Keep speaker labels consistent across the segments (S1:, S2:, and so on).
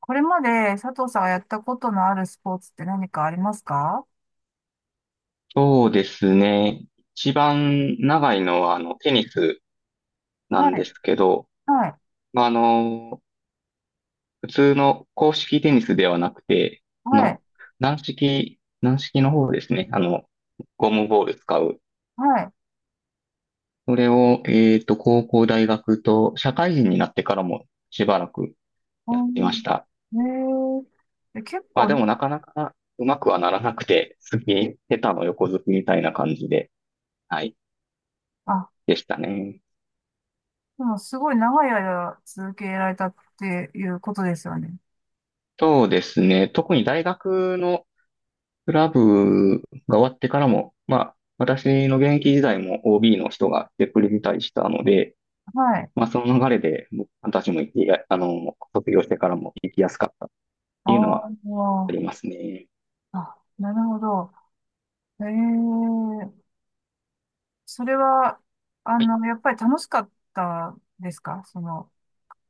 S1: これまで佐藤さんがやったことのあるスポーツって何かありますか？
S2: そうですね。一番長いのは、テニスな
S1: は
S2: んで
S1: い、
S2: すけど、
S1: はい、
S2: まあ、あの、普通の公式テニスではなくて、あ
S1: はい、
S2: の、軟式の方ですね。ゴムボール使う。
S1: はい。
S2: それを、高校、大学と、社会人になってからもしばらく
S1: う
S2: やってまし
S1: ん、
S2: た。
S1: へえ、え結
S2: で
S1: 構、
S2: もなかなかうまくはならなくて、下手の横好きみたいな感じで、はい、
S1: あ、
S2: でしたね。
S1: でもすごい長い間続けられたっていうことですよね。
S2: そうですね。特に大学のクラブが終わってからも、私の現役時代も OB の人が来てくれたりしたので、
S1: はい。
S2: その流れで僕たちも行きや、あの、卒業してからも行きやすかったっ
S1: あ
S2: ていうのはあ
S1: ー、
S2: りますね。
S1: あ、なるほど。へえ、それは、
S2: はい。
S1: やっぱり楽しかったですか？その、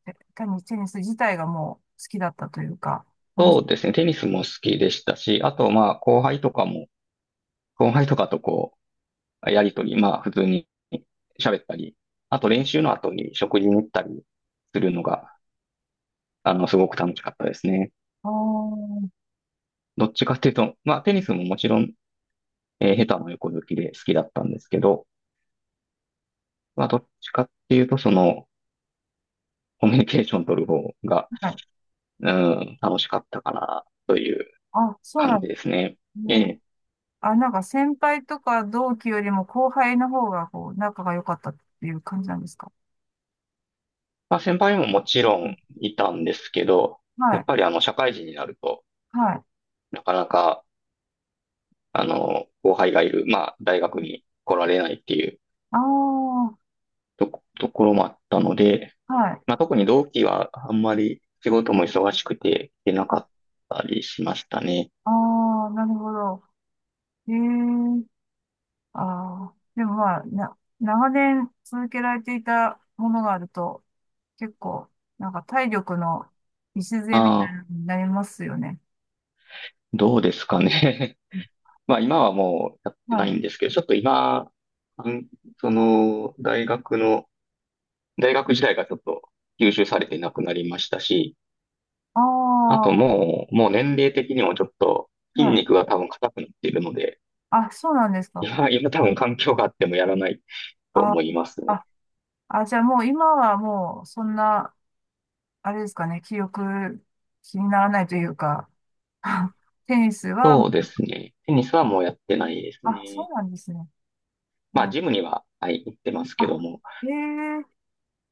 S1: えテニス、テニス自体がもう好きだったというか、楽し、
S2: そうですね。テニスも好きでしたし、あと、後輩とかも、後輩とかとこう、やりとり、まあ、普通に喋ったり、あと練習の後に食事に行ったりするのが、すごく楽しかったですね。
S1: あー、はい。
S2: どっちかっていうと、テニスももちろん下手も横好きで好きだったんですけど、どっちかっていうと、その、コミュニケーション取る方が、うん、楽しかったかな、という
S1: あ、そう
S2: 感
S1: な
S2: じ
S1: んで
S2: ですね。
S1: す
S2: え
S1: ね。
S2: え。
S1: あ、なんか先輩とか同期よりも後輩の方がこう仲が良かったっていう感じなんですか？
S2: 先輩ももちろ
S1: うん、
S2: んいたんですけど、や
S1: は
S2: っ
S1: い。
S2: ぱり社会人になると、
S1: はい。
S2: なかなか、後輩がいる、大学に来られないっていう
S1: ああ、
S2: ところもあったので、
S1: はい。
S2: 特に同期はあんまり仕事も忙しくて、行けなかっ
S1: あ
S2: たりしましたね。
S1: あ、ー、なるほど。ええ、ああ、でもまあ、長年続けられていたものがあると、結構、なんか体力の礎み
S2: あ
S1: た
S2: あ、
S1: いになりますよね。
S2: どうですかね。
S1: うん、
S2: 今はもうやっ
S1: は
S2: てない
S1: い。
S2: んですけど、ちょっと今、うんその、大学時代がちょっと吸収されてなくなりましたし、
S1: あ
S2: あと
S1: あ、
S2: もう年齢的にもちょっと筋
S1: はい。
S2: 肉が多分硬くなっているので、
S1: あ、そうなんですか？
S2: 今多分環境があってもやらないと
S1: あ、
S2: 思いますね。
S1: あ、あ、じゃあもう今はもうそんな、あれですかね、記憶気にならないというか、テニスは、
S2: そうですね。テニスはもうやってないです
S1: あ、そ
S2: ね。
S1: うなんですね。
S2: まあ
S1: あ、
S2: ジムには、はい、行ってますけど
S1: あ、
S2: も、
S1: ええ、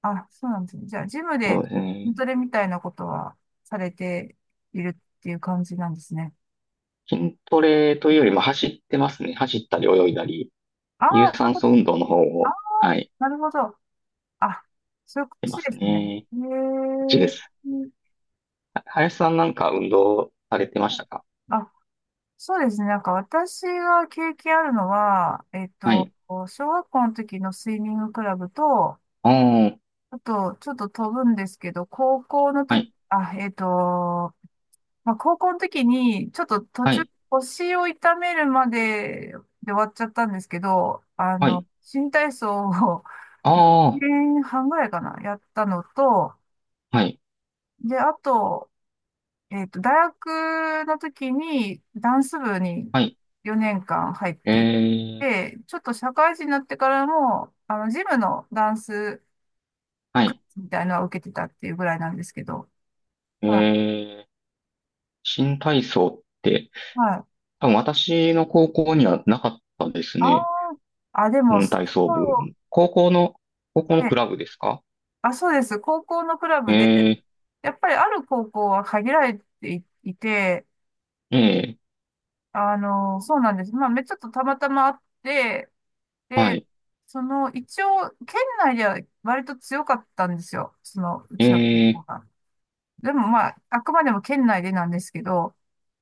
S1: あ、そうなんですね。じゃあジムで
S2: そうですね。
S1: 筋トレみたいなことはされているっていう感じなんですね。
S2: 筋トレというよりも走ってますね。走ったり泳いだり、
S1: あ
S2: 有
S1: あ、そういう
S2: 酸
S1: こ
S2: 素
S1: とで
S2: 運
S1: す。
S2: 動の方
S1: ああ、
S2: を、はい、
S1: なるほど。あ、そういうこ
S2: てま
S1: とで
S2: す
S1: すね。
S2: ね。い
S1: え
S2: ちです。
S1: え、
S2: は林さんなんか運動されてましたか？
S1: あ、そうですね。なんか私が経験あるのは、
S2: はい。
S1: 小学校の時のスイミングクラブと、
S2: ああ、
S1: あと、ちょっと飛ぶんですけど、高校の
S2: は
S1: 時、
S2: い、
S1: まあ、高校の時に、ちょっと途
S2: は
S1: 中、
S2: い、
S1: 腰を痛めるまでで終わっちゃったんですけど、あ
S2: は
S1: の、
S2: い。
S1: 新体操を 1
S2: ああ、
S1: 年半ぐらいかな、やったのと、
S2: はい、
S1: で、あと、大学の時にダンス部に
S2: はい。
S1: 4年間入っ
S2: え
S1: ていっ
S2: ー、
S1: て、ちょっと社会人になってからも、あの、ジムのダンス
S2: は
S1: クラ
S2: い。
S1: スみたいなのは受けてたっていうぐらいなんですけど、
S2: え
S1: はい。
S2: ー、新体操って、
S1: はい。
S2: 多分私の高校にはなかったです
S1: あ
S2: ね。
S1: あ、あ、でも、
S2: うん、体操部。高校の、高校
S1: う
S2: のク
S1: ね
S2: ラブですか？
S1: あ、そうです。高校のクラブで、
S2: え
S1: やっぱりある高校は限られていいて、
S2: ー、えー、
S1: あの、そうなんです。まあ、ちょっとたまたまあって、
S2: は
S1: で、
S2: い、
S1: その、一応、県内では割と強かったんですよ。その、う
S2: え
S1: ちの高
S2: ー、
S1: 校が。でもまあ、あくまでも県内でなんですけど、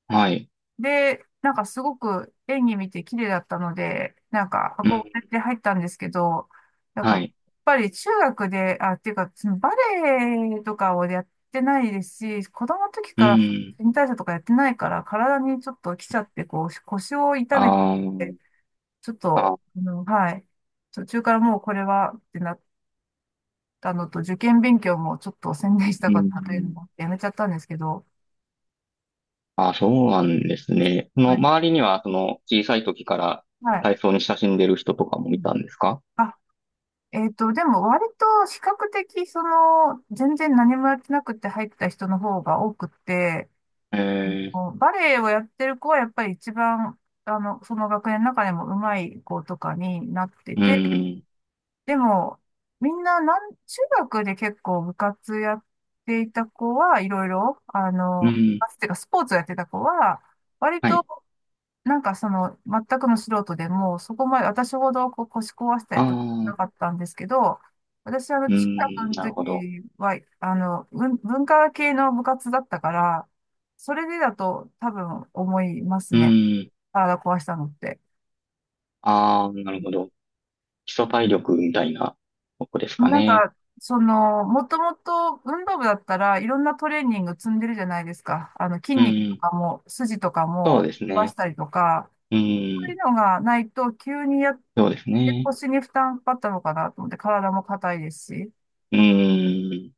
S2: はい、
S1: で、なんかすごく演技見て綺麗だったので、なんか
S2: うん、
S1: 憧れて入ったんですけど、なんか、
S2: は
S1: やっ
S2: い、
S1: ぱり中学で、あ、っていうか、そのバレエとかをやってないですし、子供の時
S2: う
S1: から
S2: ん、
S1: 新体操とかやってないから、体にちょっと来ちゃって、こう、腰を痛めて、
S2: あー
S1: ちょっと、
S2: あ
S1: あの、はい。途中からもうこれはってなったのと、受験勉強もちょっと専念した
S2: う
S1: かったというの
S2: ん。
S1: もあってやめちゃったんですけど、
S2: あ、そうなんですね。そ
S1: こ
S2: の
S1: れ、
S2: 周りには、その小さい時から
S1: はい。
S2: 体操に親しんでる人とか
S1: う
S2: もい
S1: ん。
S2: たんですか？
S1: あ、でも割と比較的、その、全然何もやってなくて入った人の方が多くて、
S2: えー、
S1: こうバレエをやってる子はやっぱり一番、あの、その学年の中でも上手い子とかになって
S2: う
S1: て、
S2: ん、
S1: でも、みんな、中学で結構部活やっていた子はいろいろ、あ
S2: う
S1: の、部
S2: ん、
S1: 活っていうかスポーツをやってた子は、割
S2: は
S1: と、
S2: い。
S1: なんかその、全くの素人でも、そこまで私ほどこう腰壊した
S2: あ
S1: りとかな
S2: あ、
S1: かったんですけど、私、あの、
S2: う
S1: 中学
S2: ん、
S1: の
S2: なるほど。
S1: 時は、あの、文化系の部活だったから、それでだと多分思います
S2: う
S1: ね。
S2: ん、
S1: 体壊したのって。
S2: ああ、なるほど。基礎体力みたいなとこですか
S1: なん
S2: ね。
S1: か、その、もともと運動部だったらいろんなトレーニング積んでるじゃないですか。あの、筋
S2: う
S1: 肉と
S2: ん、
S1: かも、筋とか
S2: そう
S1: も
S2: です
S1: 伸ばし
S2: ね。
S1: たりとか、
S2: う
S1: そういう
S2: ん、
S1: のがないと急にやっ
S2: そうです
S1: て
S2: ね。
S1: 腰に負担かかったのかなと思って、体も硬いですし。
S2: うん、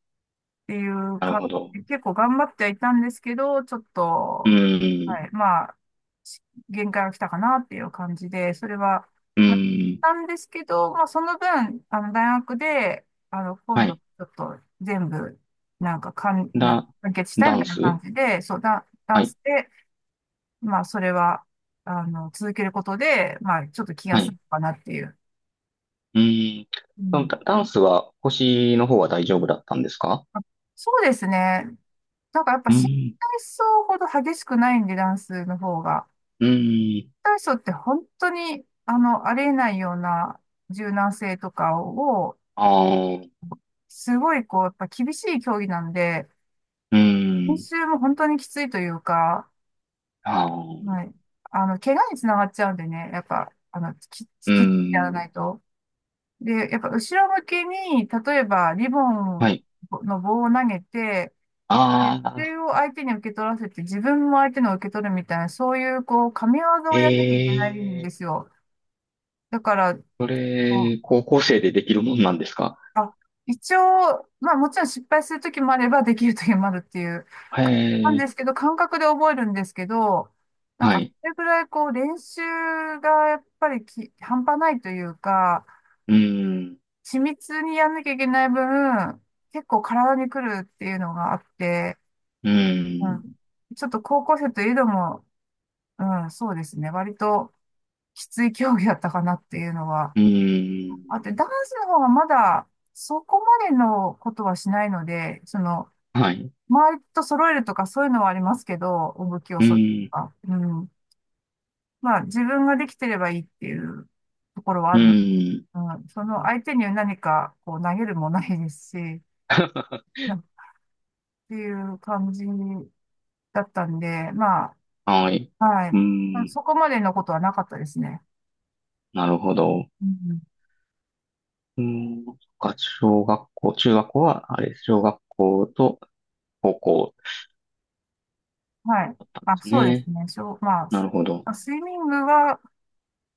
S1: ていう
S2: なる
S1: か、
S2: ほど。
S1: 結構頑張ってはいたんですけど、ちょっ
S2: う
S1: と、
S2: ん、
S1: はい、まあ、し限界が来たかなっていう感じで、それは、
S2: う
S1: まあ
S2: ん、
S1: なんですけど、まあ、その分、あの、大学で、あの、今
S2: は
S1: 度、ち
S2: い。
S1: ょっと全部、なんか、なんか
S2: だ、
S1: 完結したい
S2: ダ
S1: み
S2: ン
S1: たいな
S2: ス、
S1: 感じで、そう、ダ
S2: は
S1: ン
S2: い、
S1: スで、まあ、それは、あの、続けることで、まあ、ちょっと気が
S2: は
S1: 済
S2: い。
S1: むかなっていう。
S2: うん。
S1: う
S2: その
S1: ん、
S2: ダンスは腰の方は大丈夫だったんですか？
S1: あ、そうですね。なんかやっぱ
S2: う
S1: 新
S2: ん。
S1: 体操ほど激しくないんで、ダンスの方が。
S2: う
S1: 新
S2: ん。
S1: 体操って本当に、あの、ありえないような柔軟性とかを、
S2: ああ、
S1: すごいこう、やっぱ厳しい競技なんで、
S2: う
S1: 練
S2: ん。
S1: 習も本当にきついというか、
S2: ああ、
S1: はい。あの、怪我につながっちゃうんでね、やっぱ、あの、
S2: う
S1: きっちやら
S2: ん。
S1: ないと。で、やっぱ後ろ向きに、例えばリボ
S2: は
S1: ン
S2: い。
S1: の棒を投げて、熱
S2: ああ、
S1: 中を相手に受け取らせて、自分も相手の受け取るみたいな、そういう、こう、神業を
S2: え
S1: やんなきゃいけないんで
S2: え、
S1: すよ。だから、
S2: そ
S1: こう、
S2: れ、高校生でできるもんなんですか？
S1: あ、一応、まあもちろん失敗するときもあれば、できるときもあるっていう、
S2: へ
S1: なんです
S2: え、
S1: けど、感覚で覚えるんですけど、なん
S2: は
S1: か、
S2: い。
S1: それぐらい、こう、練習がやっぱり半端ないというか、
S2: うん。
S1: 緻密にやんなきゃいけない分、結構体に来るっていうのがあって、
S2: う
S1: う
S2: ん。
S1: ん、ちょっと高校生といえども、うん、そうですね。割ときつい競技だったかなっていうのは。
S2: うん。
S1: あと、ダンスの方はまだそこまでのことはしないので、その、
S2: はい。
S1: 周りと揃えるとかそういうのはありますけど、お武器を
S2: う
S1: 揃えると
S2: ん。
S1: か。うん。まあ、自分ができてればいいっていうところは
S2: う
S1: あるの。
S2: ん。
S1: うん。その相手に何かこう投げるもないですし、っていう感じだったんで、まあ、
S2: はい。
S1: は
S2: う
S1: い。
S2: ん。
S1: そこまでのことはなかったですね。
S2: なるほど。
S1: うん、
S2: うん。そっか、小学校、中学校は、小学校と、方向
S1: はい。
S2: で
S1: あ、
S2: す
S1: そうです
S2: ね。
S1: ね。しょう、まあ、
S2: なるほど。
S1: あ、スイミングは、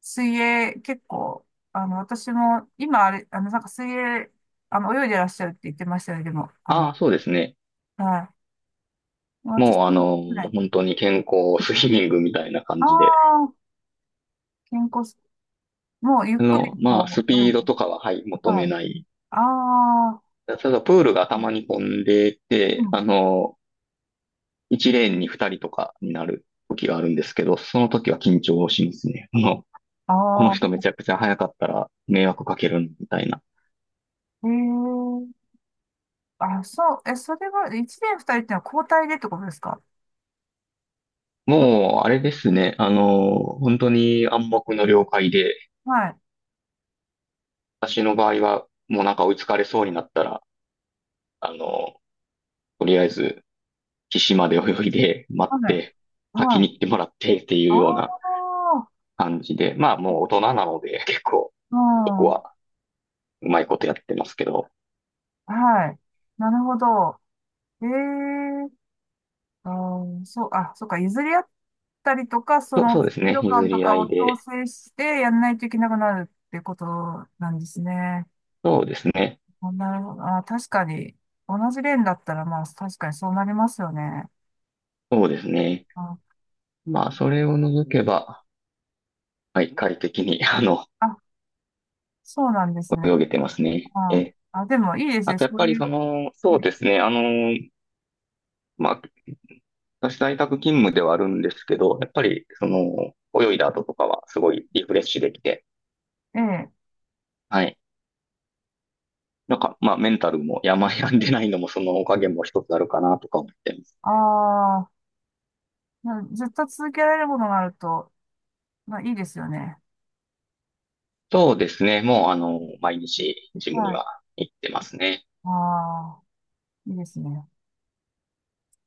S1: 水泳、結構、あの、私も、今、あれ、あの、なんか水泳、あの、泳いでらっしゃるって言ってましたね、でも、あ
S2: あ
S1: の、
S2: あ、そうですね。
S1: はい。私
S2: もう
S1: も、はい。
S2: 本当に健康スイミングみたいな感
S1: あ
S2: じで。
S1: あ、健康す、もう、ゆっくり、こ
S2: ス
S1: う、泳
S2: ピ
S1: ぐ。
S2: ードとかは、はい、求
S1: は
S2: め
S1: い。
S2: ない。
S1: ああ、
S2: ただ、プールがた
S1: う
S2: まに混んでて、
S1: ん。
S2: 1レーンに2人とかになる時があるんですけど、その時は緊張しますね。この
S1: あ
S2: 人め
S1: あ、
S2: ちゃくちゃ速かったら迷惑かけるみたいな。
S1: ええ、あ、そう、え、それは、一年二人ってのは交代でってことですか？は
S2: もう、あれですね。本当に暗黙の了解で、
S1: い。
S2: 私の場合は、もうなんか追いつかれそうになったら、あの、とりあえず、岸まで泳いで、待っ
S1: はい。
S2: て、先
S1: は
S2: に
S1: い。
S2: 行ってもらってっていう
S1: あ
S2: ような
S1: あ、
S2: 感じで、まあもう大人なので、結構、
S1: う
S2: そこ
S1: ん。
S2: はうまいことやってますけど、
S1: はい。なるほど。ええ、あー、そう、あ、そうか、譲り合ったりとか、その
S2: そう
S1: ス
S2: です
S1: ピー
S2: ね、
S1: ド
S2: 譲
S1: 感と
S2: り合
S1: かを
S2: い
S1: 調
S2: で、
S1: 整してやんないといけなくなるってことなんですね。
S2: そうですね、
S1: あ、なるほど。あ、確かに、同じレーンだったら、まあ、確かにそうなりますよね。
S2: そうですね。
S1: あ、
S2: まあ、それを除けば、はい、快適に、
S1: あ、そうなんですね。
S2: 泳げてますね。
S1: あ、あ、でもいいです
S2: あ
S1: ね。
S2: とやっ
S1: そう
S2: ぱり
S1: いう、
S2: その、そうですね、まあ、私在宅勤務ではあるんですけど、やっぱり、その、泳いだ後とかはすごいリフレッシュできて、
S1: ええ。
S2: はい。なんか、まあ、メンタルも病んでないのもそのおかげも一つあるかなとか思ってます。
S1: ああ、ー、ずっと続けられるものがあると、まあ、いいですよね。
S2: そうですね。もう、毎日ジムに
S1: はい。
S2: は行ってますね。
S1: ああ、いいですね。